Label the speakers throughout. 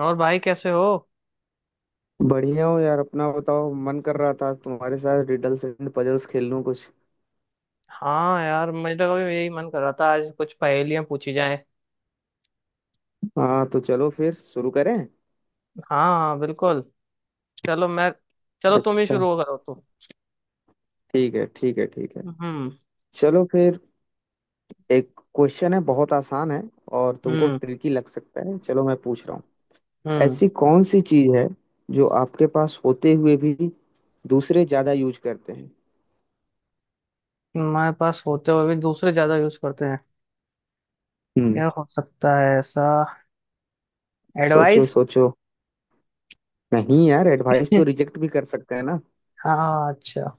Speaker 1: और भाई कैसे हो।
Speaker 2: बढ़िया हो यार। अपना बताओ। मन कर रहा था आज तुम्हारे साथ रिडल्स एंड पजल्स खेल लूं कुछ।
Speaker 1: हाँ यार, मेरा भी यही मन कर रहा था, आज कुछ पहेलियां पूछी जाएं।
Speaker 2: हाँ तो चलो फिर शुरू करें।
Speaker 1: हाँ हाँ, बिल्कुल। चलो मैं, चलो तुम ही
Speaker 2: अच्छा।
Speaker 1: शुरू करो तुम।
Speaker 2: ठीक है ठीक है ठीक है।
Speaker 1: हम्म।
Speaker 2: चलो फिर। एक क्वेश्चन है बहुत आसान है और तुमको
Speaker 1: हम्म।
Speaker 2: ट्रिकी लग सकता है। चलो मैं पूछ रहा हूँ।
Speaker 1: हम्म।
Speaker 2: ऐसी कौन सी चीज है जो आपके पास होते हुए भी दूसरे ज्यादा यूज करते हैं।
Speaker 1: हमारे पास होते हुए भी दूसरे ज्यादा यूज करते हैं?
Speaker 2: हम्म।
Speaker 1: क्या हो सकता है ऐसा?
Speaker 2: सोचो
Speaker 1: एडवाइस।
Speaker 2: सोचो। नहीं यार, एडवाइस तो रिजेक्ट भी कर सकते हैं ना।
Speaker 1: हाँ अच्छा,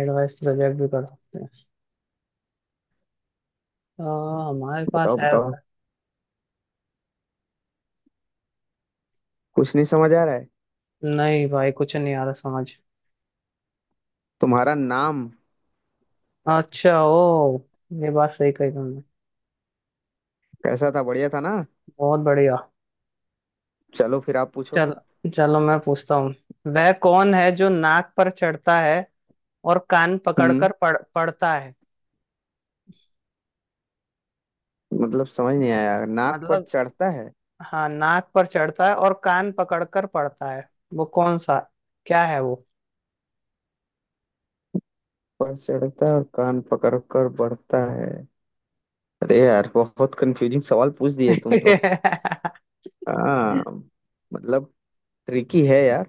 Speaker 1: एडवाइस तो रिजेक्ट भी कर सकते हैं। आ, हमारे पास
Speaker 2: बताओ
Speaker 1: है
Speaker 2: बताओ।
Speaker 1: ऐसा?
Speaker 2: कुछ नहीं समझ आ रहा है।
Speaker 1: नहीं भाई, कुछ नहीं आ रहा समझ।
Speaker 2: तुम्हारा नाम।
Speaker 1: अच्छा ओ, ये बात सही कही तुमने।
Speaker 2: कैसा था, बढ़िया था ना।
Speaker 1: बहुत बढ़िया।
Speaker 2: चलो फिर आप पूछो।
Speaker 1: चल, चलो मैं पूछता हूँ। वह कौन है जो नाक पर चढ़ता है और कान
Speaker 2: हम्म।
Speaker 1: पकड़कर पढ़ता है?
Speaker 2: मतलब समझ नहीं आया। नाक पर
Speaker 1: मतलब,
Speaker 2: चढ़ता है।
Speaker 1: हाँ नाक पर चढ़ता है और कान पकड़कर पढ़ता है। वो कौन सा, क्या है वो?
Speaker 2: पर चढ़ता है और कान पकड़ कर बढ़ता है। अरे यार, बहुत कंफ्यूजिंग सवाल पूछ दिए तुम तो। हाँ। मतलब, ट्रिकी है यार।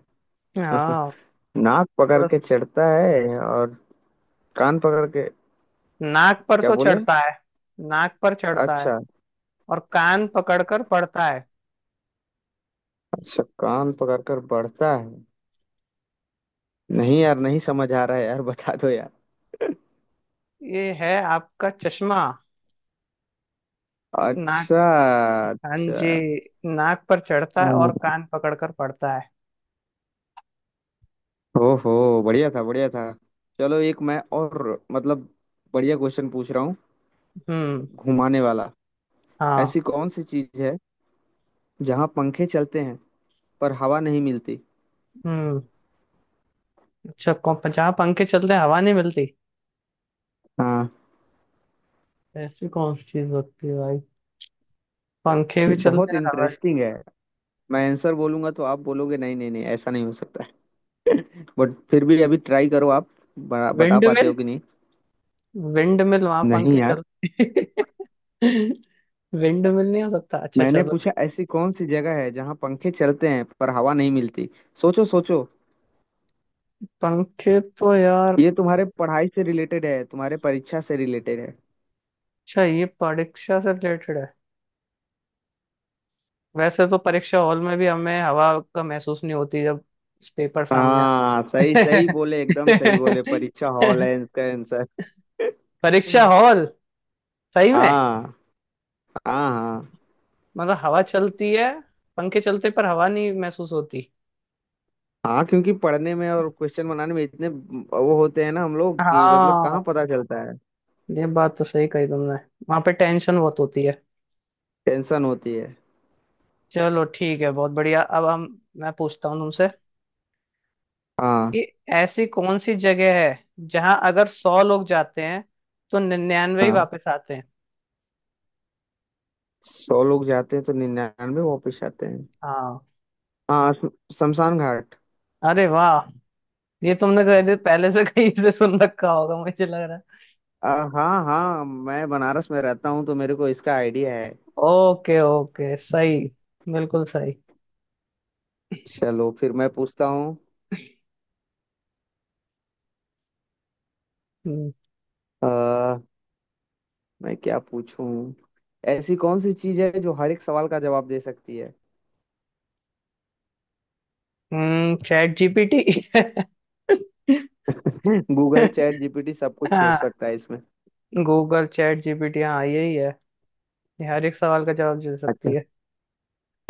Speaker 1: हाँ,
Speaker 2: नाक पकड़
Speaker 1: थोड़ा।
Speaker 2: के चढ़ता है और कान पकड़ के।
Speaker 1: नाक पर
Speaker 2: क्या
Speaker 1: तो
Speaker 2: बोले।
Speaker 1: चढ़ता है। नाक पर चढ़ता है
Speaker 2: अच्छा।
Speaker 1: और कान पकड़कर पढ़ता है।
Speaker 2: अच्छा, कान पकड़ कर बढ़ता है। नहीं यार, नहीं समझ आ रहा है यार, बता दो यार।
Speaker 1: ये है आपका चश्मा। नाक।
Speaker 2: अच्छा।
Speaker 1: हाँ
Speaker 2: अच्छा।
Speaker 1: जी, नाक पर चढ़ता है और कान पकड़कर पढ़ता है।
Speaker 2: ओहो, बढ़िया था बढ़िया था। चलो एक मैं और। मतलब, बढ़िया क्वेश्चन पूछ रहा हूँ।
Speaker 1: हम्म।
Speaker 2: घुमाने वाला। ऐसी
Speaker 1: हाँ।
Speaker 2: कौन सी चीज है जहाँ पंखे चलते हैं पर हवा नहीं मिलती।
Speaker 1: हम्म, अच्छा, कौन जहाँ पंखे चलते हैं हवा नहीं मिलती?
Speaker 2: हाँ
Speaker 1: ऐसी कौन सी चीज होती है भाई? पंखे
Speaker 2: ये
Speaker 1: भी चलते
Speaker 2: बहुत
Speaker 1: हैं हवा।
Speaker 2: इंटरेस्टिंग है। मैं आंसर बोलूंगा तो आप बोलोगे नहीं नहीं नहीं, ऐसा नहीं हो सकता है। बट फिर भी अभी ट्राई करो आप। बता
Speaker 1: विंड
Speaker 2: पाते हो
Speaker 1: मिल।
Speaker 2: कि नहीं।
Speaker 1: विंड मिल वहां
Speaker 2: नहीं
Speaker 1: पंखे
Speaker 2: यार,
Speaker 1: चलते हैं। विंड मिल नहीं हो सकता? अच्छा
Speaker 2: मैंने
Speaker 1: चलो,
Speaker 2: पूछा
Speaker 1: ठीक।
Speaker 2: ऐसी कौन सी जगह है जहाँ पंखे चलते हैं पर हवा नहीं मिलती। सोचो सोचो।
Speaker 1: पंखे तो यार।
Speaker 2: ये तुम्हारे पढ़ाई से रिलेटेड है, तुम्हारे परीक्षा से रिलेटेड है।
Speaker 1: अच्छा, ये परीक्षा से रिलेटेड है। वैसे तो परीक्षा हॉल में भी हमें हवा का महसूस नहीं होती, जब पेपर सामने आते
Speaker 2: हाँ सही सही बोले, एकदम सही बोले।
Speaker 1: हैं।
Speaker 2: परीक्षा हॉल है इसका आंसर।
Speaker 1: परीक्षा हॉल, सही में।
Speaker 2: हाँ हाँ हाँ।
Speaker 1: मतलब हवा चलती है, पंखे चलते पर हवा नहीं महसूस होती।
Speaker 2: हाँ क्योंकि पढ़ने में और क्वेश्चन बनाने में इतने वो होते हैं ना हम लोग कि मतलब कहाँ
Speaker 1: हाँ,
Speaker 2: पता चलता है।
Speaker 1: ये बात तो सही कही तुमने। वहां पे टेंशन बहुत होती है।
Speaker 2: टेंशन होती है।
Speaker 1: चलो ठीक है, बहुत बढ़िया। अब हम, मैं पूछता हूँ तुमसे, कि
Speaker 2: हाँ
Speaker 1: ऐसी कौन सी जगह है जहां अगर 100 लोग जाते हैं तो 99 ही
Speaker 2: हाँ।
Speaker 1: वापस आते हैं?
Speaker 2: 100 लोग जाते हैं तो 99 वापस आते हैं।
Speaker 1: हाँ।
Speaker 2: हाँ शमशान घाट।
Speaker 1: अरे वाह, ये तुमने कहे थे पहले से, कहीं से सुन रखा होगा, मुझे लग रहा है।
Speaker 2: आ, हाँ हाँ, मैं बनारस में रहता हूँ तो मेरे को इसका आइडिया है।
Speaker 1: ओके ओके, सही, बिल्कुल सही।
Speaker 2: चलो फिर मैं पूछता हूँ।
Speaker 1: हम्म।
Speaker 2: आ, मैं क्या पूछूं। ऐसी कौन सी चीज है जो हर एक सवाल का जवाब दे सकती है।
Speaker 1: हम्म, chat GPT.
Speaker 2: Google, chat GPT, सब कुछ सोच
Speaker 1: हाँ,
Speaker 2: सकता है इसमें।
Speaker 1: गूगल चैट जीपीटी, हाँ यही है, ये हर एक सवाल का जवाब दे सकती
Speaker 2: अच्छा।
Speaker 1: है।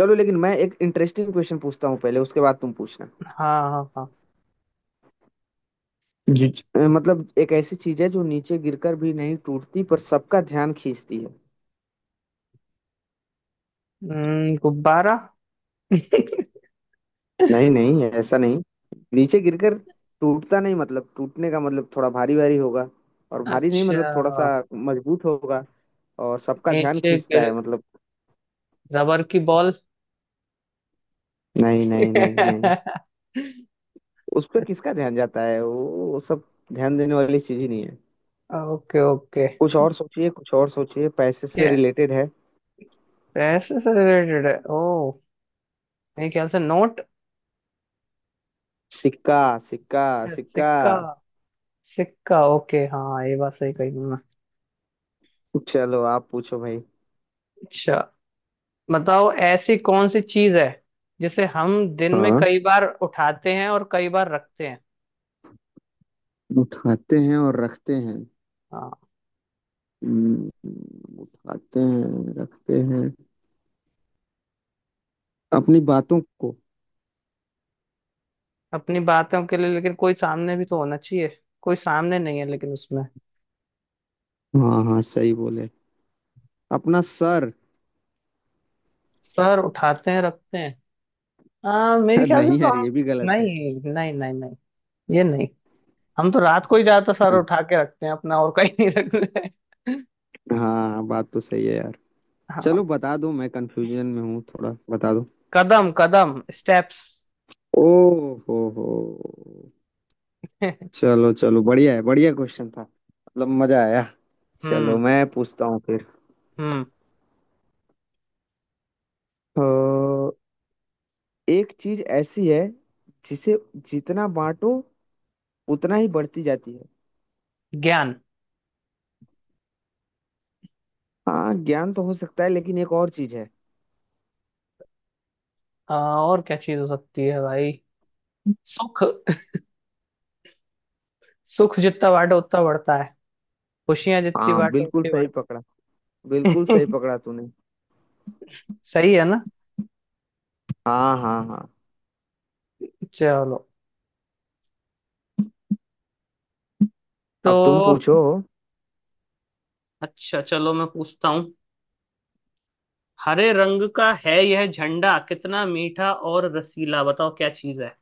Speaker 2: चलो लेकिन मैं एक इंटरेस्टिंग क्वेश्चन पूछता हूँ पहले, उसके बाद तुम पूछना।
Speaker 1: हाँ हाँ हाँ।
Speaker 2: जी जी। मतलब एक ऐसी चीज है जो नीचे गिरकर भी नहीं टूटती पर सबका ध्यान खींचती है।
Speaker 1: गुब्बारा।
Speaker 2: नहीं नहीं, ऐसा नहीं। नीचे गिरकर टूटता नहीं, मतलब टूटने का मतलब थोड़ा भारी भारी होगा। और भारी नहीं, मतलब
Speaker 1: अच्छा।
Speaker 2: थोड़ा सा मजबूत होगा। और सबका ध्यान
Speaker 1: नीचे
Speaker 2: खींचता
Speaker 1: गिर,
Speaker 2: है मतलब।
Speaker 1: रबर की बॉल।
Speaker 2: नहीं नहीं नहीं नहीं। उस पर किसका ध्यान जाता है। वो सब ध्यान देने वाली चीज ही नहीं है।
Speaker 1: Okay okay.
Speaker 2: कुछ और सोचिए, कुछ और सोचिए। पैसे से
Speaker 1: क्या,
Speaker 2: रिलेटेड है।
Speaker 1: पैसे से रिलेटेड है ओ? मेरे ख्याल से नोट।
Speaker 2: सिक्का। सिक्का। सिक्का।
Speaker 1: सिक्का। सिक्का, ओके, हाँ ये बात सही कही तुमने।
Speaker 2: चलो आप पूछो भाई।
Speaker 1: अच्छा, बताओ ऐसी कौन सी चीज है जिसे हम दिन में
Speaker 2: हाँ।
Speaker 1: कई बार उठाते हैं और कई बार रखते हैं?
Speaker 2: उठाते हैं और रखते हैं।
Speaker 1: हाँ।
Speaker 2: हम्म, उठाते हैं रखते हैं अपनी बातों को।
Speaker 1: अपनी बातों के लिए, लेकिन कोई सामने भी तो होना चाहिए। कोई सामने नहीं है लेकिन उसमें।
Speaker 2: हाँ हाँ सही बोले। अपना सर।
Speaker 1: सर उठाते हैं रखते हैं, हाँ मेरे ख्याल से
Speaker 2: नहीं
Speaker 1: तो
Speaker 2: यार, ये
Speaker 1: हम।
Speaker 2: भी गलत है।
Speaker 1: नहीं नहीं नहीं नहीं ये नहीं। हम तो रात को ही ज्यादातर सर उठा के रखते हैं अपना, और कहीं नहीं रखते हैं।
Speaker 2: हाँ बात तो सही है यार। चलो
Speaker 1: हाँ।
Speaker 2: बता दो, मैं कंफ्यूजन में हूँ थोड़ा, बता दो।
Speaker 1: कदम कदम, स्टेप्स।
Speaker 2: ओ हो हो। चलो चलो, बढ़िया है। बढ़िया क्वेश्चन था, मतलब मजा आया। चलो
Speaker 1: हम्म।
Speaker 2: मैं पूछता हूँ फिर।
Speaker 1: हम्म,
Speaker 2: तो एक चीज ऐसी है जिसे जितना बांटो उतना ही बढ़ती जाती है।
Speaker 1: ज्ञान।
Speaker 2: हाँ ज्ञान तो हो सकता है लेकिन एक और चीज है।
Speaker 1: आ, और क्या चीज हो सकती है भाई? सुख। सुख जितना बांटो उतना बढ़ता है। खुशियां जितनी
Speaker 2: हाँ
Speaker 1: बांटो
Speaker 2: बिल्कुल
Speaker 1: उतनी
Speaker 2: सही
Speaker 1: बढ़ती।
Speaker 2: पकड़ा, बिल्कुल सही
Speaker 1: हैं।
Speaker 2: पकड़ा तूने।
Speaker 1: सही है ना?
Speaker 2: हाँ हाँ हाँ।
Speaker 1: चलो, तो,
Speaker 2: अब तुम पूछो।
Speaker 1: अच्छा चलो, मैं पूछता हूँ। हरे रंग का है यह झंडा, कितना मीठा और रसीला, बताओ क्या चीज है?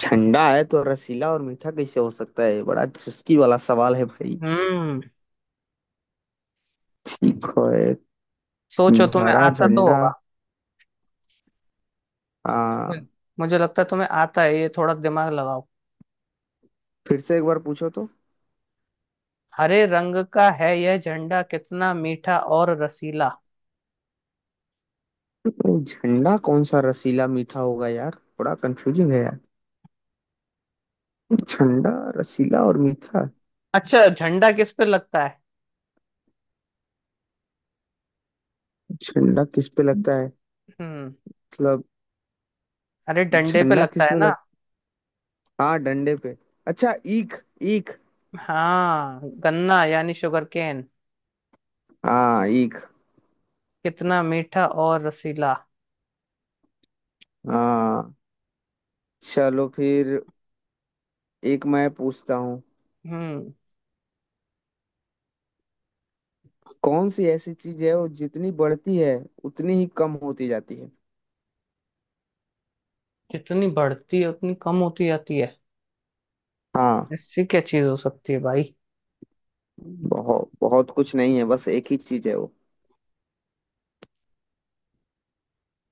Speaker 2: ठंडा है तो रसीला और मीठा कैसे हो सकता है, बड़ा चुस्की वाला सवाल है भाई।
Speaker 1: हम्म।
Speaker 2: ठीक है।
Speaker 1: सोचो, तुम्हें
Speaker 2: हरा
Speaker 1: आता तो
Speaker 2: झंडा।
Speaker 1: होगा। मु-
Speaker 2: हाँ।
Speaker 1: मुझे लगता है तुम्हें आता है, ये थोड़ा दिमाग लगाओ।
Speaker 2: फिर से एक बार पूछो तो।
Speaker 1: हरे रंग का है यह झंडा, कितना मीठा और रसीला।
Speaker 2: नहीं, झंडा कौन सा रसीला मीठा होगा यार, बड़ा कंफ्यूजिंग है यार। झंडा, रसीला और मीठा।
Speaker 1: अच्छा, झंडा किस पे लगता है?
Speaker 2: झंडा किस पे लगता है।
Speaker 1: हम्म,
Speaker 2: मतलब।
Speaker 1: अरे डंडे पे
Speaker 2: झंडा
Speaker 1: लगता
Speaker 2: किस
Speaker 1: है
Speaker 2: में
Speaker 1: ना।
Speaker 2: लग हाँ, डंडे पे। अच्छा, ईख। ईख।
Speaker 1: हाँ, गन्ना, यानी शुगर केन।
Speaker 2: हाँ, ईख।
Speaker 1: कितना मीठा और रसीला।
Speaker 2: हाँ। चलो फिर एक मैं पूछता हूँ।
Speaker 1: हम्म,
Speaker 2: कौन सी ऐसी चीज है वो जितनी बढ़ती है उतनी ही कम होती जाती है।
Speaker 1: जितनी बढ़ती है उतनी कम होती जाती है।
Speaker 2: हाँ।
Speaker 1: ऐसी क्या चीज हो सकती है भाई?
Speaker 2: बहुत बहुत कुछ नहीं है, बस एक ही चीज है वो।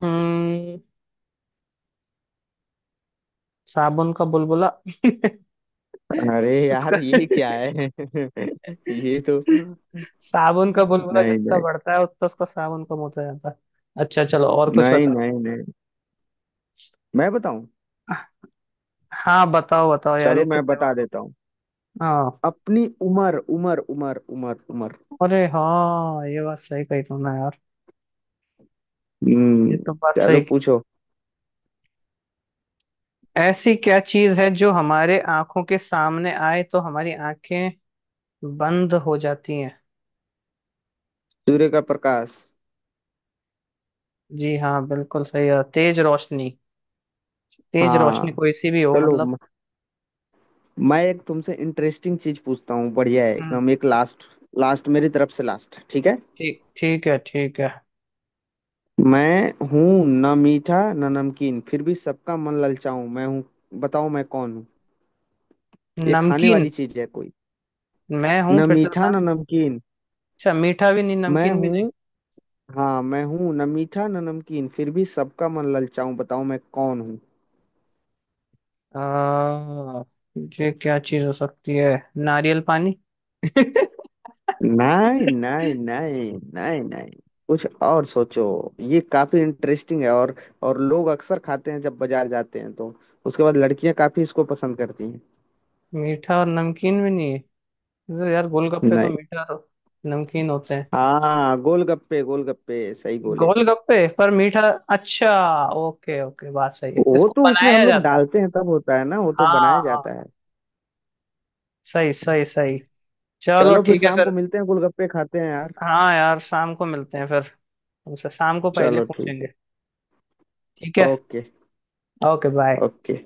Speaker 1: हम्म, साबुन का बुलबुला।
Speaker 2: अरे यार
Speaker 1: उसका
Speaker 2: ये क्या है। ये तो।
Speaker 1: साबुन का बुलबुला
Speaker 2: नहीं
Speaker 1: जितना
Speaker 2: नहीं
Speaker 1: बढ़ता है उतना उसका साबुन कम होता जाता है। अच्छा चलो, और कुछ
Speaker 2: नहीं
Speaker 1: बताओ।
Speaker 2: नहीं नहीं। मैं बताऊं।
Speaker 1: हाँ बताओ बताओ यार, ये
Speaker 2: चलो
Speaker 1: तो
Speaker 2: मैं बता
Speaker 1: दिमाग।
Speaker 2: देता हूँ।
Speaker 1: हाँ,
Speaker 2: अपनी उम्र, उम्र, उम्र, उम्र, उम्र।
Speaker 1: अरे हाँ, ये बात सही कही तुमने यार। ये
Speaker 2: हम्म।
Speaker 1: तो बात
Speaker 2: चलो
Speaker 1: सही की।
Speaker 2: पूछो।
Speaker 1: ऐसी क्या चीज है जो हमारे आंखों के सामने आए तो हमारी आंखें बंद हो जाती हैं?
Speaker 2: सूर्य का प्रकाश।
Speaker 1: जी हाँ, बिल्कुल सही है, तेज रोशनी। तेज रोशनी
Speaker 2: हाँ।
Speaker 1: कोई सी भी हो,
Speaker 2: चलो
Speaker 1: मतलब।
Speaker 2: मैं एक तुमसे इंटरेस्टिंग चीज पूछता हूँ, बढ़िया है
Speaker 1: हम्म।
Speaker 2: एकदम। एक लास्ट। लास्ट मेरी तरफ से, लास्ट ठीक है।
Speaker 1: ठीक, ठीक है, ठीक है।
Speaker 2: मैं हूँ ना मीठा ना नमकीन, फिर भी सबका मन ललचाऊं मैं हूँ। बताओ मैं कौन हूँ। ये खाने
Speaker 1: नमकीन।
Speaker 2: वाली चीज है कोई।
Speaker 1: मैं हूँ,
Speaker 2: ना
Speaker 1: फिर से
Speaker 2: मीठा
Speaker 1: बताना।
Speaker 2: ना नमकीन।
Speaker 1: अच्छा, मीठा भी नहीं
Speaker 2: मैं
Speaker 1: नमकीन भी नहीं।
Speaker 2: हूँ। हाँ मैं हूँ न मीठा न नमकीन, फिर भी सबका मन ललचाऊं। बताओ मैं कौन हूँ।
Speaker 1: आ, ये क्या चीज हो सकती है? नारियल पानी।
Speaker 2: नहीं नहीं नहीं नहीं नहीं। कुछ और सोचो। ये काफी इंटरेस्टिंग है और लोग अक्सर खाते हैं जब बाजार जाते हैं तो। उसके बाद लड़कियां काफी इसको पसंद करती हैं।
Speaker 1: मीठा और नमकीन भी नहीं है तो यार, गोलगप्पे तो
Speaker 2: नहीं।
Speaker 1: मीठा और नमकीन होते हैं।
Speaker 2: हाँ गोलगप्पे, गोलगप्पे सही बोले।
Speaker 1: गोलगप्पे, पर मीठा। अच्छा, ओके ओके, बात सही है,
Speaker 2: वो
Speaker 1: इसको
Speaker 2: तो उसमें
Speaker 1: बनाया
Speaker 2: हम लोग
Speaker 1: जाता है।
Speaker 2: डालते हैं तब होता है ना, वो तो
Speaker 1: हाँ।
Speaker 2: बनाया
Speaker 1: हाँ,
Speaker 2: जाता है।
Speaker 1: सही सही सही। चलो
Speaker 2: चलो फिर
Speaker 1: ठीक है
Speaker 2: शाम को
Speaker 1: फिर।
Speaker 2: मिलते हैं, गोलगप्पे खाते हैं यार।
Speaker 1: हाँ यार, शाम को मिलते हैं फिर। हमसे शाम को पहले
Speaker 2: चलो ठीक
Speaker 1: पूछेंगे।
Speaker 2: है।
Speaker 1: ठीक है।
Speaker 2: ओके।
Speaker 1: Okay bye.
Speaker 2: ओके।